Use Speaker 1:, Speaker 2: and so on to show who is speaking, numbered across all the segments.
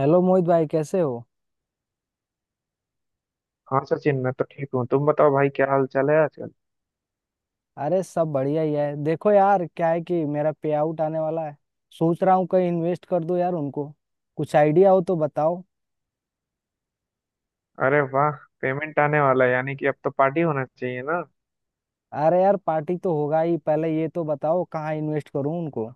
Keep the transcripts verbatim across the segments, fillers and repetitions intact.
Speaker 1: Hello Mohit भाई कैसे हो?
Speaker 2: हाँ सचिन, मैं तो ठीक हूँ। तुम बताओ भाई, क्या हाल चाल है आजकल?
Speaker 1: अरे सब बढ़िया ही है। देखो यार क्या है कि मेरा पे आउट आने वाला है। सोच रहा हूँ कहीं इन्वेस्ट कर दूं यार उनको। कुछ आइडिया हो तो बताओ।
Speaker 2: अरे वाह। पेमेंट आने वाला है, यानी कि अब तो पार्टी होना चाहिए ना?
Speaker 1: अरे यार पार्टी तो होगा ही। पहले ये तो बताओ कहाँ इन्वेस्ट करूँ उनको।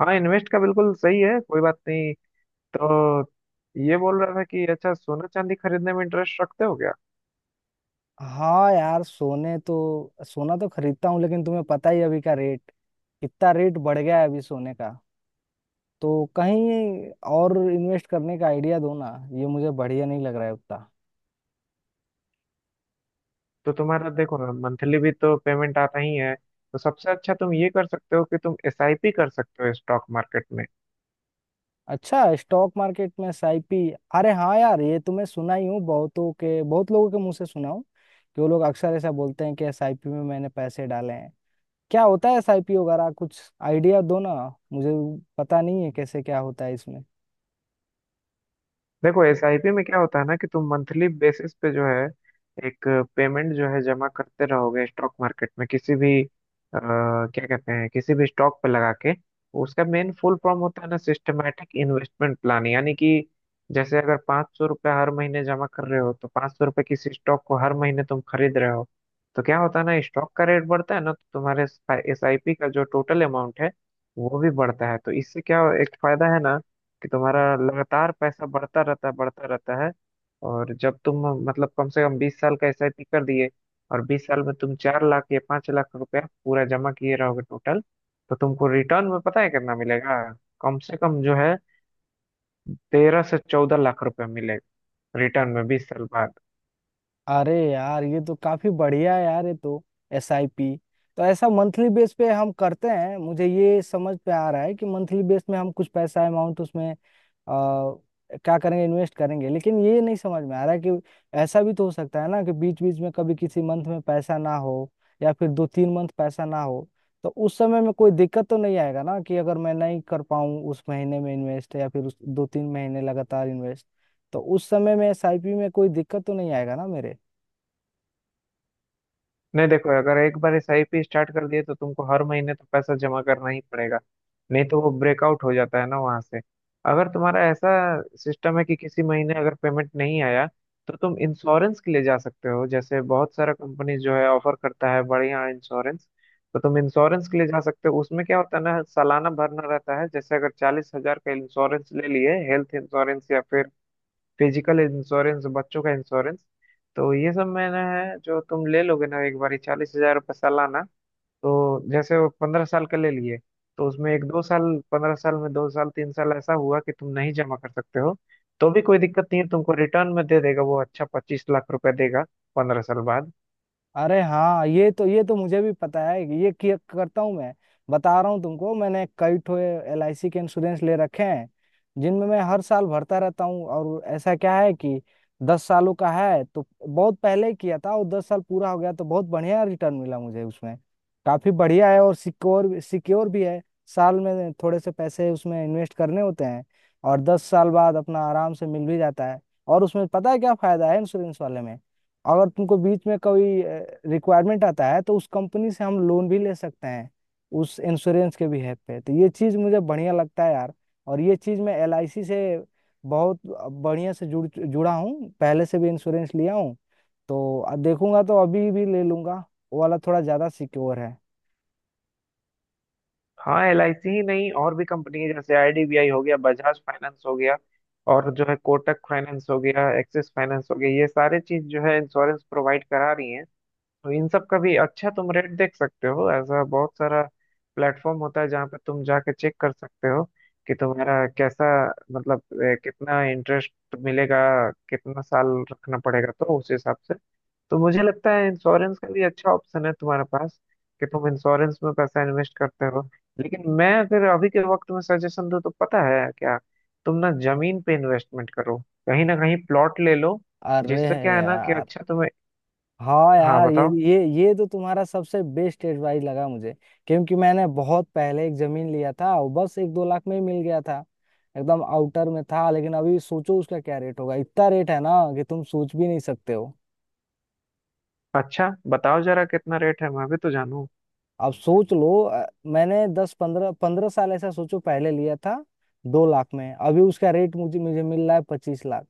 Speaker 2: हाँ, इन्वेस्ट का बिल्कुल सही है, कोई बात नहीं। तो ये बोल रहा था कि अच्छा, सोना चांदी खरीदने में इंटरेस्ट रखते हो क्या?
Speaker 1: हाँ यार सोने तो सोना तो खरीदता हूँ लेकिन तुम्हें पता ही है अभी का रेट। कितना रेट बढ़ गया है अभी सोने का। तो कहीं और इन्वेस्ट करने का आइडिया दो ना। ये मुझे बढ़िया नहीं लग रहा है उतना।
Speaker 2: तो तुम्हारा देखो ना, मंथली भी तो पेमेंट आता ही है। तो सबसे अच्छा तुम ये कर सकते हो कि तुम एसआईपी कर सकते हो स्टॉक मार्केट में।
Speaker 1: अच्छा, स्टॉक मार्केट में साइपी। अरे हाँ यार ये तो मैं सुना ही हूँ। बहुतों के बहुत लोगों के मुंह से सुना हूँ कि वो लोग अक्सर ऐसा बोलते हैं कि एसआईपी में मैंने पैसे डाले हैं। क्या होता है एसआईपी वगैरह कुछ? आइडिया दो ना मुझे। पता नहीं है कैसे क्या होता है इसमें।
Speaker 2: देखो, एसआईपी में क्या होता है ना कि तुम मंथली बेसिस पे जो है एक पेमेंट जो है जमा करते रहोगे स्टॉक मार्केट में किसी भी आ, क्या कहते हैं, किसी भी स्टॉक पे लगा के। उसका मेन फुल फॉर्म होता है ना सिस्टमेटिक इन्वेस्टमेंट प्लान, यानी कि जैसे अगर पाँच सौ रुपये हर महीने जमा कर रहे हो, तो पाँच सौ रुपये किसी स्टॉक को हर महीने तुम खरीद रहे हो। तो क्या होता है ना, स्टॉक का रेट बढ़ता है ना, तो तुम्हारे एसआईपी का जो टोटल अमाउंट है वो भी बढ़ता है। तो इससे क्या एक फायदा है ना कि तुम्हारा लगातार पैसा बढ़ता रहता है, बढ़ता रहता है। और जब तुम, मतलब, कम से कम बीस साल का एसआईपी कर दिए, और बीस साल में तुम चार लाख या पांच लाख रुपया पूरा जमा किए रहोगे टोटल, तो तुमको रिटर्न में पता है कितना मिलेगा? कम से कम जो है तेरह से चौदह लाख रुपया मिलेगा रिटर्न में बीस साल बाद।
Speaker 1: अरे यार ये तो काफी बढ़िया है यार, ये तो एस आई पी। तो ऐसा मंथली बेस पे हम करते हैं। मुझे ये समझ पे आ रहा है कि मंथली बेस में हम कुछ पैसा अमाउंट उसमें आ, क्या करेंगे, इन्वेस्ट करेंगे। लेकिन ये नहीं समझ में आ रहा है कि ऐसा भी तो हो सकता है ना कि बीच बीच में कभी किसी मंथ में पैसा ना हो या फिर दो तीन मंथ पैसा ना हो। तो उस समय में कोई दिक्कत तो नहीं आएगा ना कि अगर मैं नहीं कर पाऊँ उस महीने में इन्वेस्ट या फिर उस दो तीन महीने लगातार इन्वेस्ट। तो उस समय में एस आई पी में कोई दिक्कत तो नहीं आएगा ना मेरे?
Speaker 2: नहीं, देखो, अगर एक बार एसआईपी स्टार्ट कर दिए तो तुमको हर महीने तो पैसा जमा करना ही पड़ेगा। नहीं तो वो ब्रेकआउट हो जाता है ना वहां से। अगर तुम्हारा ऐसा सिस्टम है कि किसी महीने अगर पेमेंट नहीं आया, तो तुम इंश्योरेंस के लिए जा सकते हो। जैसे बहुत सारा कंपनी जो है ऑफर करता है बढ़िया इंश्योरेंस। तो तुम इंश्योरेंस के लिए जा सकते हो। उसमें क्या होता है ना, सालाना भरना रहता है। जैसे अगर चालीस हजार का इंश्योरेंस ले लिए, हेल्थ इंश्योरेंस या फिर फिजिकल इंश्योरेंस, बच्चों का इंश्योरेंस, तो ये सब मैंने है जो तुम ले लोगे ना एक बार चालीस हजार रुपये सालाना। तो जैसे वो पंद्रह साल का ले लिए, तो उसमें एक दो साल, पंद्रह साल में दो साल तीन साल ऐसा हुआ कि तुम नहीं जमा कर सकते हो, तो भी कोई दिक्कत नहीं है। तुमको रिटर्न में दे देगा वो, अच्छा पच्चीस लाख रुपए देगा पंद्रह साल बाद।
Speaker 1: अरे हाँ, ये तो ये तो मुझे भी पता है। ये किया करता हूँ मैं। बता रहा हूँ तुमको, मैंने कई ठो एल आई सी के इंश्योरेंस ले रखे हैं जिनमें मैं हर साल भरता रहता हूँ। और ऐसा क्या है कि दस सालों का है तो बहुत पहले किया था और दस साल पूरा हो गया तो बहुत बढ़िया रिटर्न मिला मुझे उसमें। काफी बढ़िया है और सिक्योर सिक्योर भी है। साल में थोड़े से पैसे उसमें इन्वेस्ट करने होते हैं और दस साल बाद अपना आराम से मिल भी जाता है। और उसमें पता है क्या फायदा है इंश्योरेंस वाले में? अगर तुमको बीच में कोई रिक्वायरमेंट आता है तो उस कंपनी से हम लोन भी ले सकते हैं उस इंश्योरेंस के भी हेल्प पे। तो ये चीज़ मुझे बढ़िया लगता है यार। और ये चीज़ मैं L I C से बहुत बढ़िया से जुड़ जुड़ा हूँ। पहले से भी इंश्योरेंस लिया हूँ। तो अब देखूंगा तो अभी भी ले लूंगा। वो वाला थोड़ा ज़्यादा सिक्योर है।
Speaker 2: हाँ, एल आई सी ही नहीं, और भी कंपनी है। जैसे आईडीबीआई हो गया, बजाज फाइनेंस हो गया, और जो है कोटक फाइनेंस हो गया, एक्सिस फाइनेंस हो गया, ये सारे चीज जो है इंश्योरेंस प्रोवाइड करा रही है। तो इन सब का भी अच्छा तुम रेट देख सकते हो। ऐसा बहुत सारा प्लेटफॉर्म होता है जहाँ पे तुम जाके चेक कर सकते हो कि तुम्हारा कैसा, मतलब ए, कितना इंटरेस्ट मिलेगा, कितना साल रखना पड़ेगा, तो उस हिसाब से। तो मुझे लगता है इंश्योरेंस का भी अच्छा ऑप्शन है तुम्हारे पास कि तुम इंश्योरेंस में पैसा इन्वेस्ट करते हो। लेकिन मैं अगर अभी के वक्त में सजेशन दूं तो पता है क्या? तुम ना जमीन पे इन्वेस्टमेंट करो। कहीं ना कहीं प्लॉट ले लो,
Speaker 1: अरे
Speaker 2: जिससे क्या है ना कि
Speaker 1: यार,
Speaker 2: अच्छा तुम्हें।
Speaker 1: हाँ
Speaker 2: हाँ,
Speaker 1: यार ये
Speaker 2: बताओ।
Speaker 1: ये ये तो तुम्हारा सबसे बेस्ट एडवाइस लगा मुझे। क्योंकि मैंने बहुत पहले एक जमीन लिया था। वो बस एक दो लाख में ही मिल गया था। एकदम आउटर में था, लेकिन अभी सोचो उसका क्या रेट होगा। इतना रेट है ना कि तुम सोच भी नहीं सकते हो।
Speaker 2: अच्छा, बताओ जरा कितना रेट है, मैं भी तो जानूं।
Speaker 1: आप सोच लो। अ, मैंने दस पंद्रह पंद्रह साल ऐसा सोचो पहले लिया था। दो लाख में। अभी उसका रेट मुझे मुझे मिल रहा है पच्चीस लाख।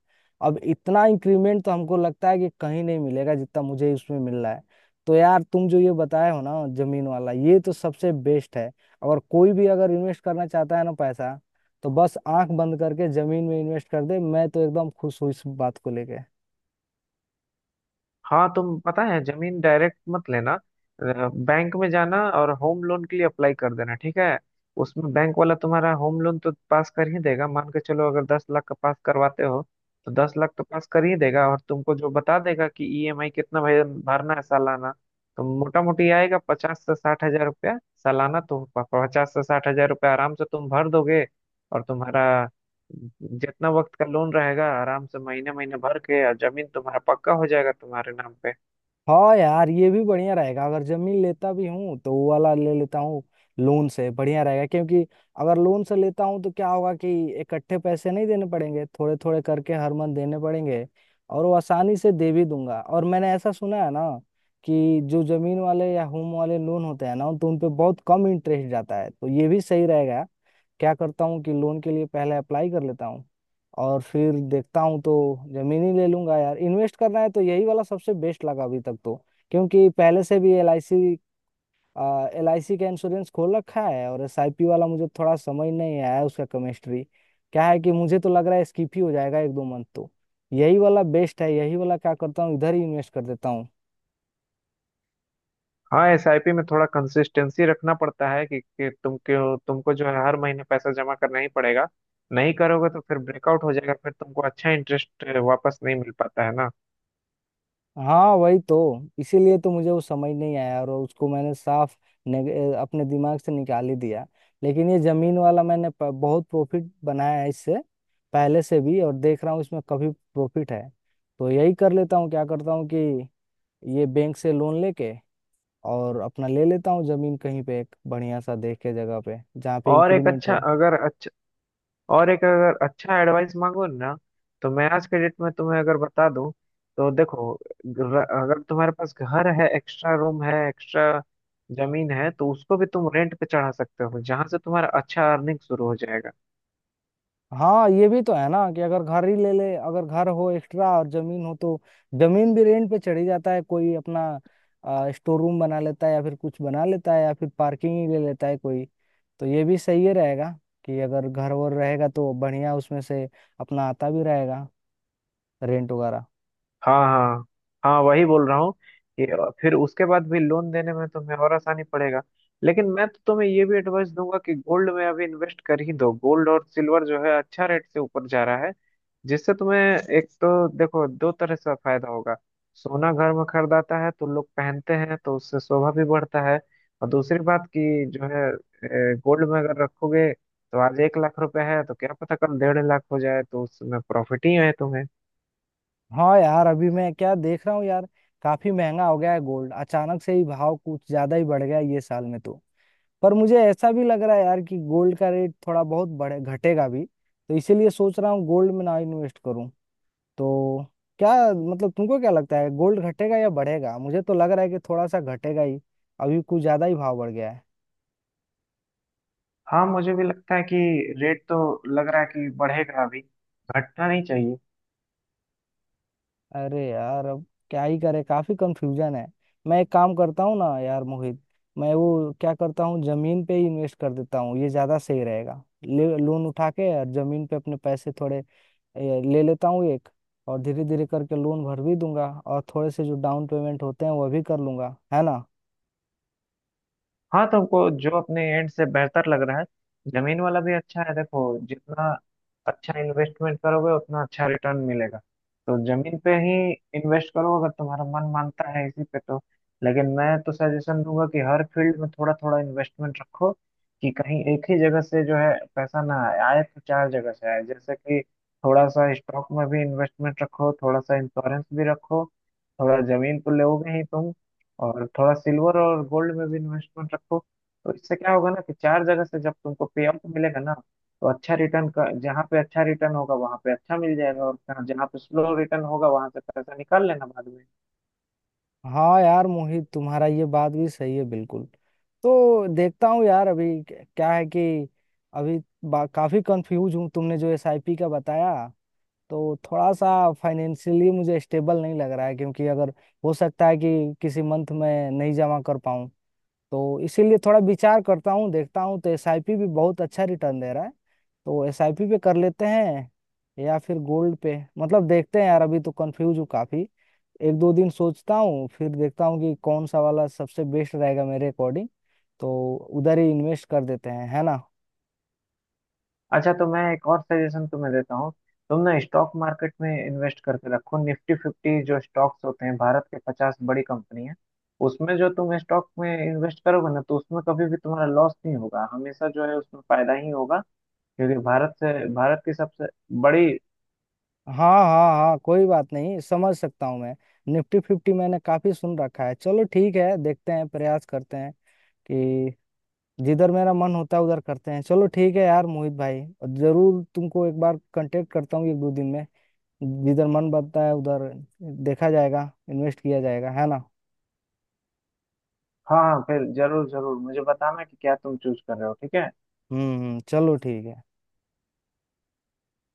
Speaker 1: अब इतना इंक्रीमेंट तो हमको लगता है कि कहीं नहीं मिलेगा जितना मुझे उसमें मिल रहा है। तो यार तुम जो ये बताए हो ना जमीन वाला, ये तो सबसे बेस्ट है। और कोई भी अगर इन्वेस्ट करना चाहता है ना पैसा, तो बस आंख बंद करके जमीन में इन्वेस्ट कर दे। मैं तो एकदम खुश हूँ इस बात को लेके।
Speaker 2: हाँ, तुम पता है, जमीन डायरेक्ट मत लेना। बैंक में जाना और होम लोन के लिए अप्लाई कर देना, ठीक है? उसमें बैंक वाला तुम्हारा होम लोन तो पास कर ही देगा। मान के चलो अगर दस लाख का पास करवाते हो, तो दस लाख तो पास कर ही देगा। और तुमको जो बता देगा कि ईएमआई कितना भर- भरना है सालाना, तो मोटा मोटी आएगा पचास से साठ हजार रुपया सालाना। तो प- पचास से साठ हजार रुपया आराम से तुम भर दोगे, और तुम्हारा जितना वक्त का लोन रहेगा आराम से महीने महीने भर के, और जमीन तुम्हारा पक्का हो जाएगा तुम्हारे नाम पे।
Speaker 1: हाँ यार ये भी बढ़िया रहेगा। अगर जमीन लेता भी हूँ तो वो वाला ले लेता हूँ, लोन से बढ़िया रहेगा। क्योंकि अगर लोन से लेता हूँ तो क्या होगा कि इकट्ठे पैसे नहीं देने पड़ेंगे, थोड़े थोड़े करके हर मंथ देने पड़ेंगे और वो आसानी से दे भी दूंगा। और मैंने ऐसा सुना है ना कि जो जमीन वाले या होम वाले लोन होते हैं ना तो उन पे बहुत कम इंटरेस्ट जाता है, तो ये भी सही रहेगा। क्या करता हूँ कि लोन के लिए पहले अप्लाई कर लेता हूँ और फिर देखता हूँ। तो जमीन ही ले लूंगा यार, इन्वेस्ट करना है तो यही वाला सबसे बेस्ट लगा अभी तक तो। क्योंकि पहले से भी L I C L I C का इंश्योरेंस खोल रखा है। और एस आई पी वाला मुझे थोड़ा समझ नहीं आया उसका केमिस्ट्री क्या है। कि मुझे तो लग रहा है स्किप ही हो जाएगा एक दो मंथ तो। यही वाला बेस्ट है। यही वाला क्या करता हूँ, इधर ही इन्वेस्ट कर देता हूँ।
Speaker 2: हाँ, एसआईपी में थोड़ा कंसिस्टेंसी रखना पड़ता है कि, कि तुम क्यों, तुमको जो है हर महीने पैसा जमा करना ही पड़ेगा। नहीं करोगे तो फिर ब्रेकआउट हो जाएगा, फिर तुमको अच्छा इंटरेस्ट वापस नहीं मिल पाता है ना।
Speaker 1: हाँ वही तो। इसीलिए तो मुझे वो समझ नहीं आया और उसको मैंने साफ नेग- अपने दिमाग से निकाल ही दिया। लेकिन ये जमीन वाला मैंने प- बहुत प्रॉफिट बनाया है इससे पहले से भी। और देख रहा हूँ इसमें काफी प्रॉफिट है। तो यही कर लेता हूँ, क्या करता हूँ कि ये बैंक से लोन लेके और अपना ले लेता हूँ जमीन कहीं पे, एक बढ़िया सा देख के जगह पे जहाँ पे
Speaker 2: और एक
Speaker 1: इंक्रीमेंट
Speaker 2: अच्छा
Speaker 1: हो।
Speaker 2: अगर और एक अगर अच्छा एडवाइस मांगो ना, तो मैं आज के डेट में तुम्हें अगर बता दूं तो देखो, र- अगर तुम्हारे पास घर है, एक्स्ट्रा रूम है, एक्स्ट्रा जमीन है, तो उसको भी तुम रेंट पे चढ़ा सकते हो, जहां से तुम्हारा अच्छा अर्निंग शुरू हो जाएगा।
Speaker 1: हाँ ये भी तो है ना कि अगर घर ही ले ले, अगर घर हो एक्स्ट्रा और जमीन हो तो जमीन भी रेंट पे चढ़ी जाता है। कोई अपना स्टोर रूम बना लेता है या फिर कुछ बना लेता है या फिर पार्किंग ही ले लेता है कोई। तो ये भी सही ही रहेगा कि अगर घर वर रहेगा तो बढ़िया, उसमें से अपना आता भी रहेगा रेंट वगैरह।
Speaker 2: हाँ हाँ। हाँ, वही बोल रहा हूँ कि फिर उसके बाद भी लोन देने में तुम्हें और आसानी पड़ेगा। लेकिन मैं तो तुम्हें ये भी एडवाइस दूंगा कि गोल्ड में अभी इन्वेस्ट कर ही दो। गोल्ड और सिल्वर जो है अच्छा रेट से ऊपर जा रहा है, जिससे तुम्हें एक तो देखो दो तरह से फायदा होगा। सोना घर में खरीदाता है तो लोग पहनते हैं, तो उससे शोभा भी बढ़ता है। और दूसरी बात कि जो है गोल्ड में अगर रखोगे, तो आज एक लाख रुपए है तो क्या पता कल डेढ़ लाख हो जाए, तो उसमें प्रॉफिट ही है तुम्हें।
Speaker 1: हाँ यार अभी मैं क्या देख रहा हूँ यार, काफी महंगा हो गया है गोल्ड। अचानक से ही भाव कुछ ज्यादा ही बढ़ गया है ये साल में तो। पर मुझे ऐसा भी लग रहा है यार कि गोल्ड का रेट थोड़ा बहुत बढ़े घटेगा भी, तो इसीलिए सोच रहा हूँ गोल्ड में ना इन्वेस्ट करूँ। तो क्या मतलब, तुमको क्या लगता है गोल्ड घटेगा या बढ़ेगा? मुझे तो लग रहा है कि थोड़ा सा घटेगा ही। अभी कुछ ज्यादा ही भाव बढ़ गया है।
Speaker 2: हाँ, मुझे भी लगता है कि रेट तो लग रहा है कि बढ़ेगा अभी, घटना नहीं चाहिए।
Speaker 1: अरे यार अब क्या ही करे, काफी कंफ्यूजन है। मैं एक काम करता हूँ ना यार मोहित, मैं वो क्या करता हूँ, जमीन पे ही इन्वेस्ट कर देता हूँ, ये ज्यादा सही रहेगा। ले लोन उठा के और जमीन पे अपने पैसे थोड़े ए, ले लेता हूँ एक। और धीरे धीरे करके लोन भर भी दूंगा और थोड़े से जो डाउन पेमेंट होते हैं वह भी कर लूंगा, है ना।
Speaker 2: हाँ, तो को जो अपने एंड से बेहतर लग रहा है। जमीन वाला भी अच्छा है, देखो जितना अच्छा इन्वेस्टमेंट करोगे उतना अच्छा रिटर्न मिलेगा। तो जमीन पे ही इन्वेस्ट करो अगर तुम्हारा मन मानता है इसी पे तो। लेकिन मैं तो सजेशन दूंगा कि हर फील्ड में थोड़ा थोड़ा इन्वेस्टमेंट रखो, कि कहीं एक ही जगह से जो है पैसा ना आए, आए तो चार जगह से आए। जैसे कि थोड़ा सा स्टॉक में भी इन्वेस्टमेंट रखो, थोड़ा सा इंश्योरेंस भी रखो, थोड़ा जमीन तो लोगे ही तुम, और थोड़ा सिल्वर और गोल्ड में भी इन्वेस्टमेंट रखो। तो इससे क्या होगा ना कि चार जगह से जब तुमको पे आउट मिलेगा ना, तो अच्छा रिटर्न का, जहाँ पे अच्छा रिटर्न होगा वहां पे अच्छा मिल जाएगा, और जहाँ जहाँ पे स्लो रिटर्न होगा वहां से पैसा निकाल लेना बाद में।
Speaker 1: हाँ यार मोहित, तुम्हारा ये बात भी सही है बिल्कुल। तो देखता हूँ यार अभी, क्या है कि अभी बा- काफी कंफ्यूज हूँ। तुमने जो एसआईपी का बताया तो थोड़ा सा फाइनेंशियली मुझे स्टेबल नहीं लग रहा है, क्योंकि अगर हो सकता है कि किसी मंथ में नहीं जमा कर पाऊँ। तो इसीलिए थोड़ा विचार करता हूँ। देखता हूँ, तो एसआईपी भी बहुत अच्छा रिटर्न दे रहा है तो एसआईपी पे कर लेते हैं या फिर गोल्ड पे। मतलब देखते हैं यार, अभी तो कंफ्यूज हूँ काफी। एक दो दिन सोचता हूँ फिर देखता हूँ कि कौन सा वाला सबसे बेस्ट रहेगा मेरे अकॉर्डिंग। तो उधर ही इन्वेस्ट कर देते हैं, है ना।
Speaker 2: अच्छा, तो मैं एक और सजेशन तुम्हें देता हूँ। तुम ना स्टॉक मार्केट में इन्वेस्ट करके रखो निफ्टी फिफ्टी। जो स्टॉक्स होते हैं, भारत के पचास बड़ी कंपनी है, उसमें जो तुम स्टॉक में इन्वेस्ट करोगे ना, तो उसमें कभी भी तुम्हारा लॉस नहीं होगा, हमेशा जो है उसमें फायदा ही होगा। क्योंकि भारत से, भारत की सबसे बड़ी।
Speaker 1: हाँ हाँ हाँ, कोई बात नहीं, समझ सकता हूँ मैं। निफ्टी फिफ्टी मैंने काफी सुन रखा है। चलो ठीक है देखते हैं, प्रयास करते हैं कि जिधर मेरा मन होता है उधर करते हैं। चलो ठीक है यार मोहित भाई, और जरूर तुमको एक बार कांटेक्ट करता हूँ एक दो दिन में। जिधर मन बनता है उधर देखा जाएगा, इन्वेस्ट किया जाएगा, है ना।
Speaker 2: हाँ हाँ, फिर जरूर जरूर मुझे बताना कि क्या तुम चूज कर रहे हो, ठीक है?
Speaker 1: हम्म हम्म, चलो ठीक है।